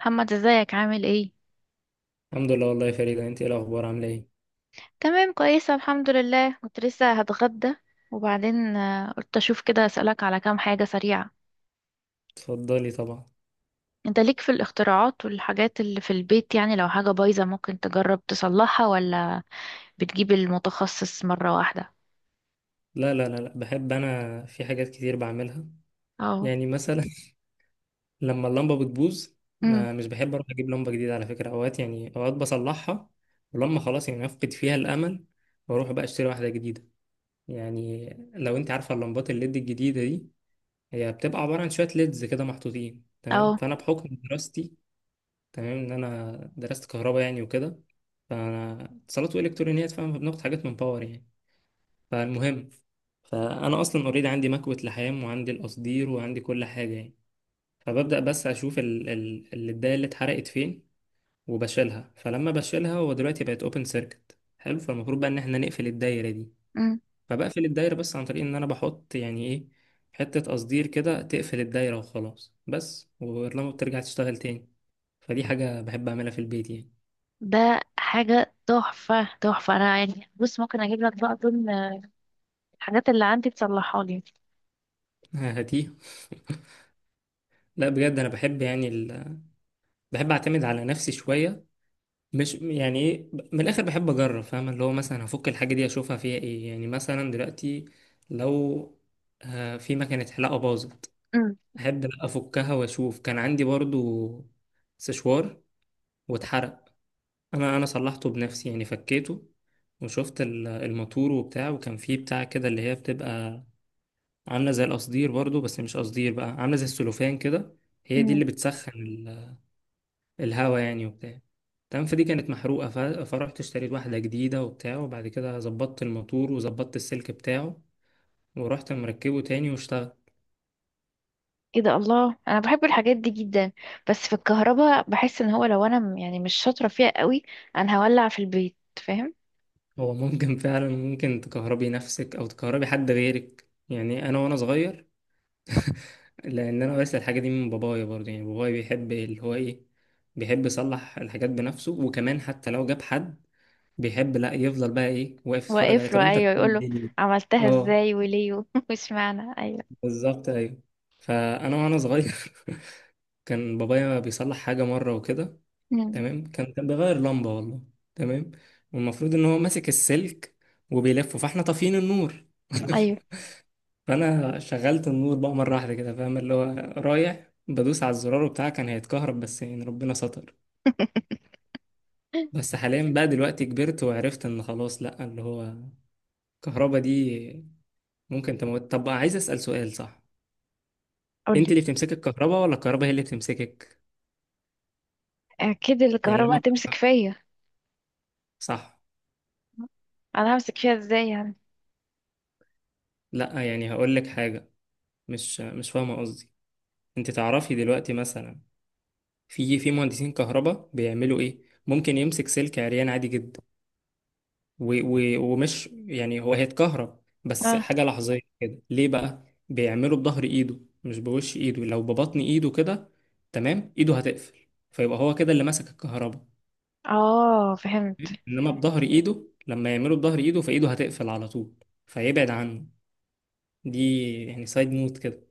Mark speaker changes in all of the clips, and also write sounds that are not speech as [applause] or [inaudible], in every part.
Speaker 1: محمد ازيك عامل ايه؟
Speaker 2: الحمد لله، والله يا فريدة، انت ايه الاخبار؟ عامله ايه؟
Speaker 1: تمام، كويسه الحمد لله. كنت لسه هتغدى وبعدين قلت اشوف كده اسالك على كام حاجه سريعه.
Speaker 2: اتفضلي طبعا.
Speaker 1: انت ليك في الاختراعات والحاجات اللي في البيت؟ يعني لو حاجه بايظه ممكن تجرب تصلحها ولا بتجيب المتخصص مره واحده؟
Speaker 2: لا، لا، لا، لا، بحب انا في حاجات كتير بعملها.
Speaker 1: اه.
Speaker 2: يعني مثلا، [laughs] لما اللمبه بتبوظ،
Speaker 1: امم
Speaker 2: ما مش بحب اروح اجيب لمبه جديده، على فكره، اوقات يعني اوقات بصلحها. ولما خلاص يعني افقد فيها الامل، واروح بقى اشتري واحده جديده. يعني لو انت عارفه اللمبات الليد الجديده دي، هي بتبقى عباره عن شويه ليدز كده محطوطين. تمام،
Speaker 1: اه.
Speaker 2: فانا بحكم دراستي، تمام، ان انا درست كهرباء يعني وكده، فانا اتصالات والكترونيات فاهم، بناخد حاجات من باور يعني. فالمهم، فانا اصلا اوريدي عندي مكوة لحام وعندي القصدير وعندي كل حاجة يعني. فببدأ بس اشوف الداية اللي اتحرقت فين، وبشيلها. فلما بشيلها، هو دلوقتي بقت اوبن سيركت، حلو، فالمفروض بقى ان احنا نقفل الدايرة دي.
Speaker 1: امم
Speaker 2: فبقفل الدايرة، بس عن طريق ان انا بحط يعني ايه، حتة قصدير كده تقفل الدايرة وخلاص، بس. ولما بترجع تشتغل تاني. فدي حاجة بحب اعملها في البيت يعني.
Speaker 1: ده حاجه تحفه تحفه. انا يعني بص ممكن اجيب لك بقى ضمن الحاجات اللي عندي تصلحها لي.
Speaker 2: [laughs] هاتيه. لا بجد، انا بحب يعني بحب اعتمد على نفسي شوية، مش يعني ايه، من الاخر بحب اجرب، فاهم اللي هو مثلا هفك الحاجه دي اشوفها فيها ايه، يعني مثلا دلوقتي لو في مكنه حلاقه باظت، احب لأ افكها واشوف. كان عندي برضو سشوار واتحرق، انا صلحته بنفسي يعني، فكيته وشفت الماتور وبتاع، وكان فيه بتاع كده اللي هي بتبقى عامله زي القصدير برضو، بس مش قصدير بقى، عامله زي السلوفان كده. هي دي
Speaker 1: امم
Speaker 2: اللي بتسخن الهوا يعني وبتاع. تمام، فدي كانت محروقة، فرحت اشتريت واحدة جديدة وبتاع، وبعد كده ظبطت الموتور وظبطت السلك بتاعه، ورحت مركبه تاني واشتغل.
Speaker 1: ايه ده! الله، انا بحب الحاجات دي جدا، بس في الكهرباء بحس ان هو لو انا يعني مش شاطره فيها قوي، انا هولع في البيت، فاهم؟
Speaker 2: هو ممكن فعلا ممكن تكهربي نفسك أو تكهربي حد غيرك. يعني أنا وأنا صغير، لأن أنا ورثت الحاجة دي من بابايا برضه، يعني بابايا بيحب اللي هو إيه، بيحب يصلح الحاجات بنفسه. وكمان حتى لو جاب حد، بيحب لا يفضل بقى إيه، واقف يتفرج عليه،
Speaker 1: واقف
Speaker 2: طب
Speaker 1: له
Speaker 2: أنت
Speaker 1: ايوه، يقول
Speaker 2: بتعمل
Speaker 1: له
Speaker 2: إيه؟
Speaker 1: عملتها
Speaker 2: اه،
Speaker 1: ازاي وليه [laughs] مش معنى ايوه.
Speaker 2: بالظبط، ايوه. فانا وانا صغير، [laughs] كان بابايا بيصلح حاجه مره وكده،
Speaker 1: مم.
Speaker 2: تمام، كان بيغير لمبه والله. تمام، والمفروض ان هو ماسك السلك وبيلفه، فاحنا طافيين النور.
Speaker 1: ايوه.
Speaker 2: [laughs] فانا شغلت النور بقى مره واحده كده، فاهم اللي هو رايح بدوس على الزرار بتاعه، كان هيتكهرب، بس يعني ربنا ستر.
Speaker 1: [laughs]
Speaker 2: بس حاليا بقى دلوقتي كبرت وعرفت ان خلاص، لا، اللي هو الكهرباء دي ممكن تموت. طب عايز اسال سؤال، صح؟ انت
Speaker 1: قولي.
Speaker 2: اللي بتمسكي الكهرباء ولا الكهرباء هي اللي بتمسكك؟
Speaker 1: اكيد
Speaker 2: يعني
Speaker 1: الكهرباء
Speaker 2: لما،
Speaker 1: هتمسك فيا.
Speaker 2: صح،
Speaker 1: انا همسك فيها ازاي يعني؟
Speaker 2: لا يعني هقول لك حاجة، مش فاهمة قصدي. انت تعرفي دلوقتي مثلا، في مهندسين كهرباء بيعملوا ايه، ممكن يمسك سلك عريان عادي جدا، و و ومش يعني هو هيتكهرب، بس
Speaker 1: اه.
Speaker 2: حاجة لحظية كده. ليه بقى؟ بيعمله بظهر ايده مش بوش ايده. لو ببطن ايده كده، تمام، ايده هتقفل، فيبقى هو كده اللي ماسك الكهرباء.
Speaker 1: اه فهمت.
Speaker 2: انما بظهر ايده، لما يعمله بظهر ايده فايده هتقفل على طول، فيبعد عنه. دي يعني سايد نوت كده.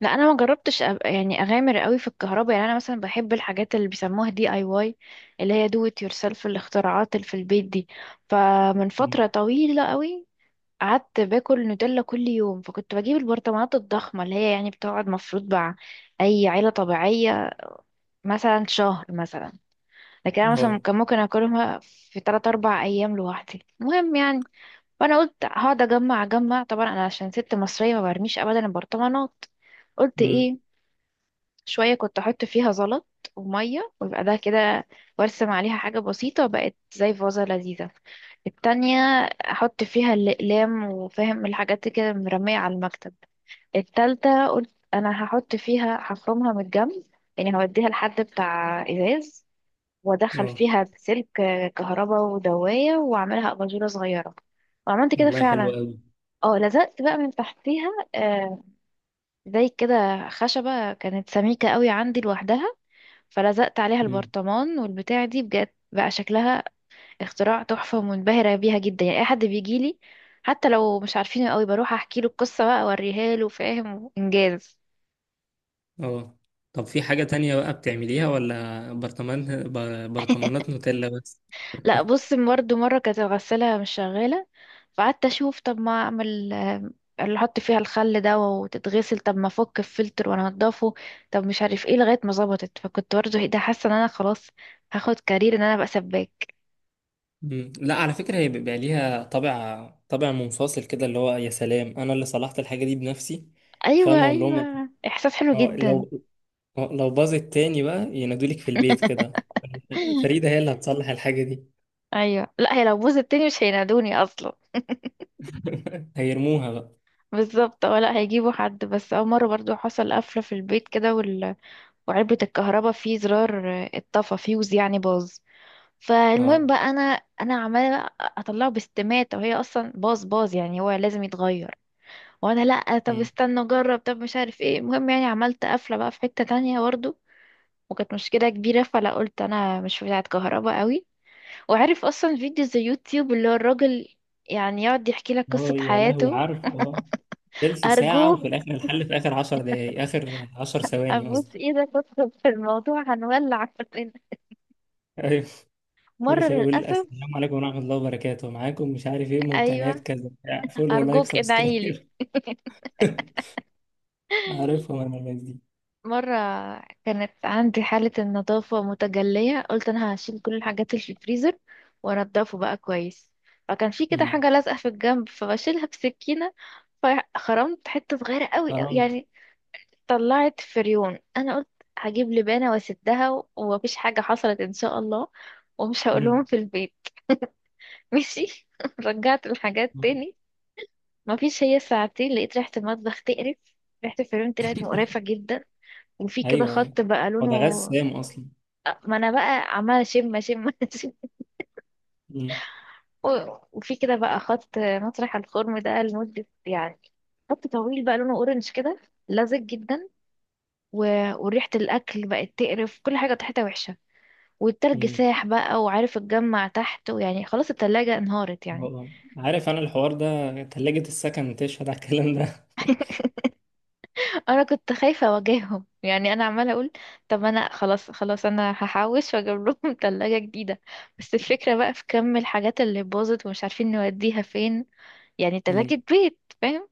Speaker 1: لا انا ما جربتش يعني اغامر قوي في الكهرباء. يعني انا مثلا بحب الحاجات اللي بيسموها دي اي واي، اللي هي دو ات يور سيلف، الاختراعات اللي في البيت دي. فمن فتره طويله قوي قعدت باكل نوتيلا كل يوم، فكنت بجيب البرطمانات الضخمه اللي هي يعني بتقعد مفروض مع اي عيله طبيعيه مثلا شهر مثلا، لكن انا مثلا
Speaker 2: اه.
Speaker 1: كان ممكن اكلها في 3 4 ايام لوحدي. المهم يعني، فانا قلت هقعد اجمع اجمع. طبعا انا عشان ست مصريه ما برميش ابدا البرطمانات. قلت
Speaker 2: امم.
Speaker 1: ايه، شوية كنت أحط فيها زلط ومية ويبقى ده كده، وأرسم عليها حاجة بسيطة، بقت زي فازة لذيذة. التانية أحط فيها الأقلام وفاهم الحاجات كده مرمية على المكتب. التالتة قلت أنا هحط فيها، هفرمها من الجنب، يعني هوديها لحد بتاع إزاز، وأدخل
Speaker 2: اه.
Speaker 1: فيها سلك كهرباء ودواية وأعملها أباجورة صغيرة. وعملت كده
Speaker 2: والله حلو
Speaker 1: فعلا.
Speaker 2: قوي.
Speaker 1: اه، لزقت بقى من تحتيها آه زي كده خشبة كانت سميكة قوي عندي لوحدها، فلزقت عليها
Speaker 2: امم.
Speaker 1: البرطمان والبتاع. دي بجد بقى شكلها اختراع تحفة، ومنبهرة بيها جدا. يعني اي حد بيجيلي حتى لو مش عارفينه قوي بروح احكي له القصة، بقى اوريها له، فاهم، انجاز.
Speaker 2: اه. طب في حاجة تانية بقى بتعمليها ولا برطمان برطمانات نوتيلا بس؟
Speaker 1: لا بص، برضه مرة كانت الغسالة مش شغالة، فقعدت اشوف طب ما اعمل اللي احط فيها الخل ده وتتغسل، طب ما افك الفلتر وانضفه، طب مش عارف ايه، لغاية ما ظبطت. فكنت برضه ايه ده، حاسة ان انا خلاص هاخد كارير ان انا ابقى سباك.
Speaker 2: امم. لا، على فكرة، هي بيبقى ليها طابع طابع منفصل كده، اللي هو يا سلام، انا اللي صلحت الحاجة دي بنفسي. فاهم
Speaker 1: ايوه،
Speaker 2: اقول لهم،
Speaker 1: ايوه، احساس حلو
Speaker 2: اه،
Speaker 1: جدا.
Speaker 2: لو لو باظت تاني بقى ينادولك في البيت كده، فريدة هي اللي هتصلح الحاجة دي.
Speaker 1: ايوه، لا هي لو بوظ التاني مش هينادوني اصلا.
Speaker 2: [laughs] هيرموها بقى.
Speaker 1: بالظبط. اه لا هيجيبوا حد. بس اول مره برضو حصل قفله في البيت كده وعلبه الكهرباء فيه زرار اتطفى، فيوز يعني باظ. فالمهم
Speaker 2: اه.
Speaker 1: بقى انا عماله اطلعه باستماته، وهي اصلا باظ باظ، يعني هو لازم يتغير. وانا لا طب استنى اجرب، طب مش عارف ايه. المهم يعني عملت قفله بقى في حته تانية برضو، وكانت مشكله كبيره. فلا قلت انا مش بتاعه كهرباء قوي. وعارف اصلا فيديو زي يوتيوب اللي هو الراجل يعني يقعد يحكي لك
Speaker 2: اه
Speaker 1: قصة
Speaker 2: يا لهوي،
Speaker 1: حياته.
Speaker 2: عارف، اه، تلت ساعة وفي
Speaker 1: ارجوك،
Speaker 2: الآخر الحل في آخر 10 دقايق، آخر 10 ثواني
Speaker 1: ابوس
Speaker 2: قصدي.
Speaker 1: ايدك ادخل في الموضوع، هنولع كلنا.
Speaker 2: [laughs] أيوه، كل
Speaker 1: مرة
Speaker 2: شوية يقول
Speaker 1: للأسف.
Speaker 2: السلام عليكم ورحمة الله وبركاته، معاكم مش عارف إيه، من قناة
Speaker 1: ايوه.
Speaker 2: كذا، فولو، لايك،
Speaker 1: ارجوك ادعيلي.
Speaker 2: سبسكرايب. [laughs] عارفهم أنا الناس دي.
Speaker 1: مرة كانت عندي حالة النظافة متجلية، قلت انا هشيل كل الحاجات اللي في الفريزر وانضفه بقى كويس. فكان في كده
Speaker 2: مم.
Speaker 1: حاجة لازقة في الجنب، فبشيلها بسكينة، فخرمت حتة صغيرة قوي قوي
Speaker 2: حرام.
Speaker 1: يعني. طلعت فريون. انا قلت هجيب لبانه واسدها ومفيش حاجه حصلت ان شاء الله، ومش هقولهم
Speaker 2: مم.
Speaker 1: في البيت. ماشي [laughs] رجعت الحاجات تاني. مفيش، هي ساعتين لقيت ريحه المطبخ تقرف. ريحه الفريون طلعت مقرفه جدا. وفي كده
Speaker 2: أيوه أيوه،
Speaker 1: خط بقى
Speaker 2: هو ده
Speaker 1: لونه،
Speaker 2: غسام أصلا.
Speaker 1: ما انا بقى عماله شم شم [laughs] شم.
Speaker 2: مم.
Speaker 1: وفي كده بقى خط مطرح الخرم ده لمده يعني، خط طويل بقى لونه اورنج كده، لزج جدا، و... وريحه الاكل بقت تقرف، كل حاجه ريحتها وحشه، والتلج
Speaker 2: مم.
Speaker 1: ساح بقى وعارف اتجمع تحت، ويعني خلاص التلاجة انهارت يعني.
Speaker 2: هو. عارف أنا الحوار ده، تلاجة السكن تشهد على الكلام ده. [laughs]
Speaker 1: [laughs] انا كنت خايفة اواجههم. يعني انا عمالة اقول طب انا خلاص خلاص، انا هحوش واجيب لهم [laughs] تلاجة جديدة. بس الفكرة بقى في كم الحاجات اللي باظت ومش عارفين نوديها فين. يعني
Speaker 2: مم.
Speaker 1: تلاجة بيت فاهم.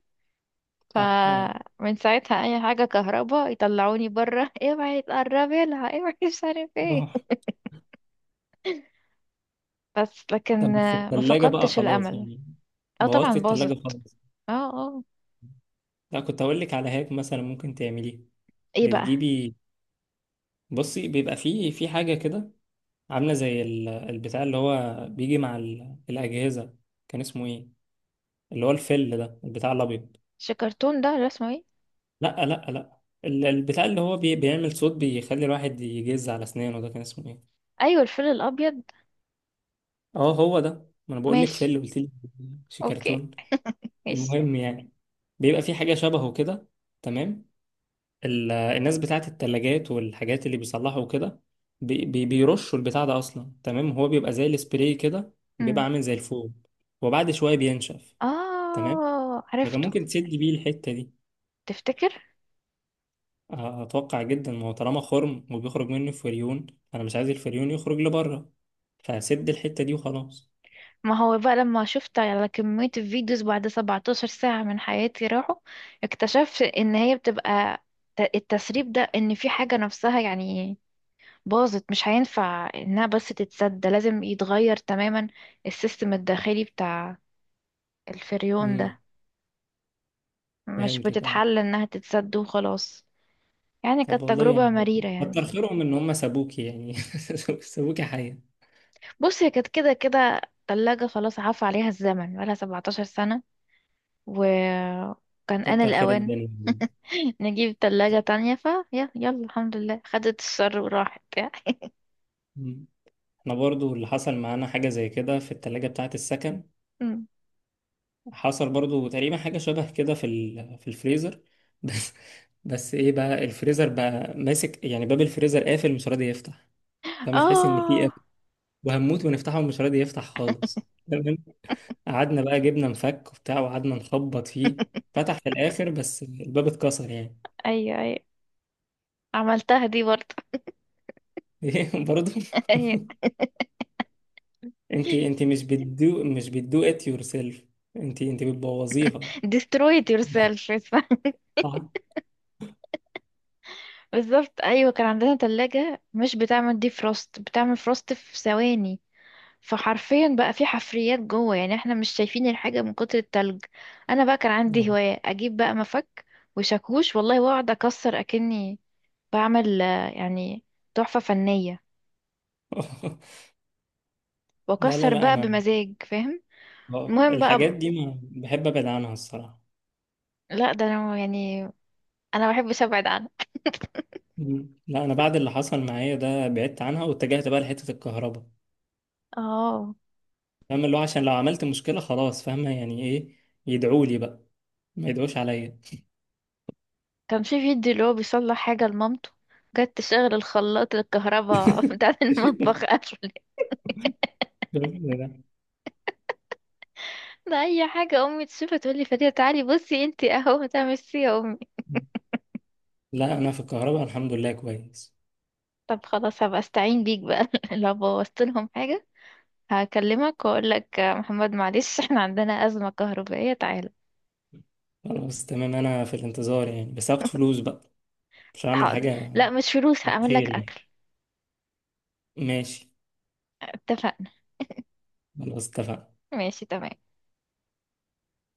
Speaker 2: صح. اه.
Speaker 1: فمن ساعتها اي حاجة كهرباء يطلعوني بره [laughs] اوعي تقربي لها اوعي [laughs] مش عارف ايه.
Speaker 2: آه.
Speaker 1: بس
Speaker 2: طب
Speaker 1: لكن
Speaker 2: بس
Speaker 1: ما
Speaker 2: التلاجة بقى
Speaker 1: فقدتش
Speaker 2: خلاص
Speaker 1: الامل.
Speaker 2: يعني؟
Speaker 1: اه طبعا
Speaker 2: بوظت التلاجة
Speaker 1: باظت.
Speaker 2: خالص.
Speaker 1: اه اه.
Speaker 2: لا، كنت أقول لك على هاك مثلا ممكن تعمليه،
Speaker 1: ايه بقى؟
Speaker 2: بتجيبي، بصي، بيبقى فيه في حاجة كده عاملة زي البتاع اللي هو بيجي مع الأجهزة، كان اسمه إيه؟ اللي هو الفل ده، البتاع الأبيض.
Speaker 1: شكرتون ده ولا اسمه ايه؟
Speaker 2: لا، لا، لا، البتاع اللي هو بيعمل صوت، بيخلي الواحد يجز على أسنانه، ده كان اسمه إيه؟
Speaker 1: ايوه الفيل الابيض.
Speaker 2: أه، هو ده. ما أنا بقول لك
Speaker 1: ماشي.
Speaker 2: فل، قلت لي شي
Speaker 1: اوكي.
Speaker 2: كرتون.
Speaker 1: ماشي.
Speaker 2: المهم يعني، بيبقى في حاجة شبهه كده. تمام، الناس بتاعت التلاجات والحاجات اللي بيصلحوا كده، بيرشوا البتاع ده اصلا. تمام، هو بيبقى زي السبراي كده، بيبقى
Speaker 1: امم.
Speaker 2: عامل زي الفوم، وبعد شويه بينشف. تمام،
Speaker 1: اه
Speaker 2: فكان
Speaker 1: عرفته.
Speaker 2: ممكن تسد بيه الحته دي.
Speaker 1: تفتكر؟
Speaker 2: اتوقع جدا، ما هو طالما خرم وبيخرج منه فريون، انا مش عايز الفريون يخرج لبره، فسد الحته دي وخلاص.
Speaker 1: ما هو بقى لما شفت على كمية الفيديوز بعد 17 ساعة من حياتي راحوا، اكتشفت ان هي بتبقى التسريب ده ان في حاجة نفسها يعني باظت، مش هينفع انها بس تتسد، ده لازم يتغير تماما، السيستم الداخلي بتاع الفريون ده.
Speaker 2: امم
Speaker 1: مش
Speaker 2: فهمتك، اه.
Speaker 1: بتتحل انها تتسد وخلاص. يعني
Speaker 2: طب
Speaker 1: كانت
Speaker 2: والله
Speaker 1: تجربة
Speaker 2: يعني
Speaker 1: مريرة يعني.
Speaker 2: كتر خيرهم ان هم سابوكي، يعني [laughs] سابوكي حيه.
Speaker 1: بص هي كانت كده كده تلاجة خلاص عفى عليها الزمن، بقالها 17 سنة، وكان آن
Speaker 2: كتر خير
Speaker 1: الأوان.
Speaker 2: الدنيا.
Speaker 1: [laughs] نجيب تلاجة تانية، ف يا يلا الحمد لله خدت الشر وراحت يعني.
Speaker 2: انا برضو اللي حصل معانا حاجة زي كده في التلاجة بتاعة السكن،
Speaker 1: أمم.
Speaker 2: حصل برضو تقريبا حاجة شبه كده في في الفريزر. [laughs] بس بس ايه بقى، الفريزر بقى ماسك، يعني باب الفريزر قافل مش راضي يفتح، فما تحس ان في
Speaker 1: اه.
Speaker 2: قافل، وهنموت ونفتحه ومش راضي يفتح خالص. تمام، قعدنا بقى جبنا مفك وبتاع وقعدنا نخبط فيه، فتح في الاخر، بس الباب اتكسر يعني.
Speaker 1: ايوه ايوه، عملتها دي برضه.
Speaker 2: [laughs] ايه برضو.
Speaker 1: [laughs] ايوه.
Speaker 2: [laughs] انت مش بتدو ات يور سيلف، انت بتبوظيها.
Speaker 1: destroyed yourself اسمها. [laughs]
Speaker 2: صح.
Speaker 1: بالظبط ايوه. كان عندنا تلاجة مش بتعمل دي فروست، بتعمل فروست في ثواني. فحرفيا بقى في حفريات جوه، يعني احنا مش شايفين الحاجة من كتر التلج. انا بقى كان عندي هواية اجيب بقى مفك وشاكوش والله، واقعد اكسر، اكني بعمل يعني تحفة فنية،
Speaker 2: [laughs] [laughs] لا، لا،
Speaker 1: واكسر
Speaker 2: لا،
Speaker 1: بقى
Speaker 2: انا
Speaker 1: بمزاج فاهم. المهم
Speaker 2: الحاجات
Speaker 1: بقى،
Speaker 2: دي ما بحب ابعد عنها الصراحه.
Speaker 1: لا ده انا يعني انا ما بحبش ابعد عنها.
Speaker 2: مم. لا، انا بعد اللي حصل معايا ده بعدت عنها واتجهت بقى لحته الكهرباء،
Speaker 1: اه.
Speaker 2: فاهم اللي هو عشان لو عملت مشكله خلاص، فاهمه يعني ايه، يدعوا لي بقى، ما يدعوش عليا.
Speaker 1: كان في فيديو اللي هو بيصلح حاجة لمامته، جت تشغل الخلاط، الكهرباء [laughs] بتاع
Speaker 2: [laughs]
Speaker 1: المطبخ قفل.
Speaker 2: لا،
Speaker 1: ده اي حاجة امي تشوفها تقول لي فريدة تعالي بصي انتي، اهو ده. ميرسي يا امي.
Speaker 2: لا، انا في الكهرباء الحمد لله كويس.
Speaker 1: طب خلاص هبقى استعين بيك بقى [laughs] لو بوظت لهم حاجة، هكلمك واقول لك محمد معلش احنا عندنا أزمة كهربائية تعالى.
Speaker 2: خلاص تمام، انا في الانتظار يعني، بس هاخد فلوس بقى، مش هعمل
Speaker 1: حاضر.
Speaker 2: حاجه.
Speaker 1: لا مش فلوس، هعمل لك
Speaker 2: خير يعني.
Speaker 1: أكل.
Speaker 2: ماشي،
Speaker 1: اتفقنا.
Speaker 2: خلاص، اتفقنا.
Speaker 1: ماشي تمام.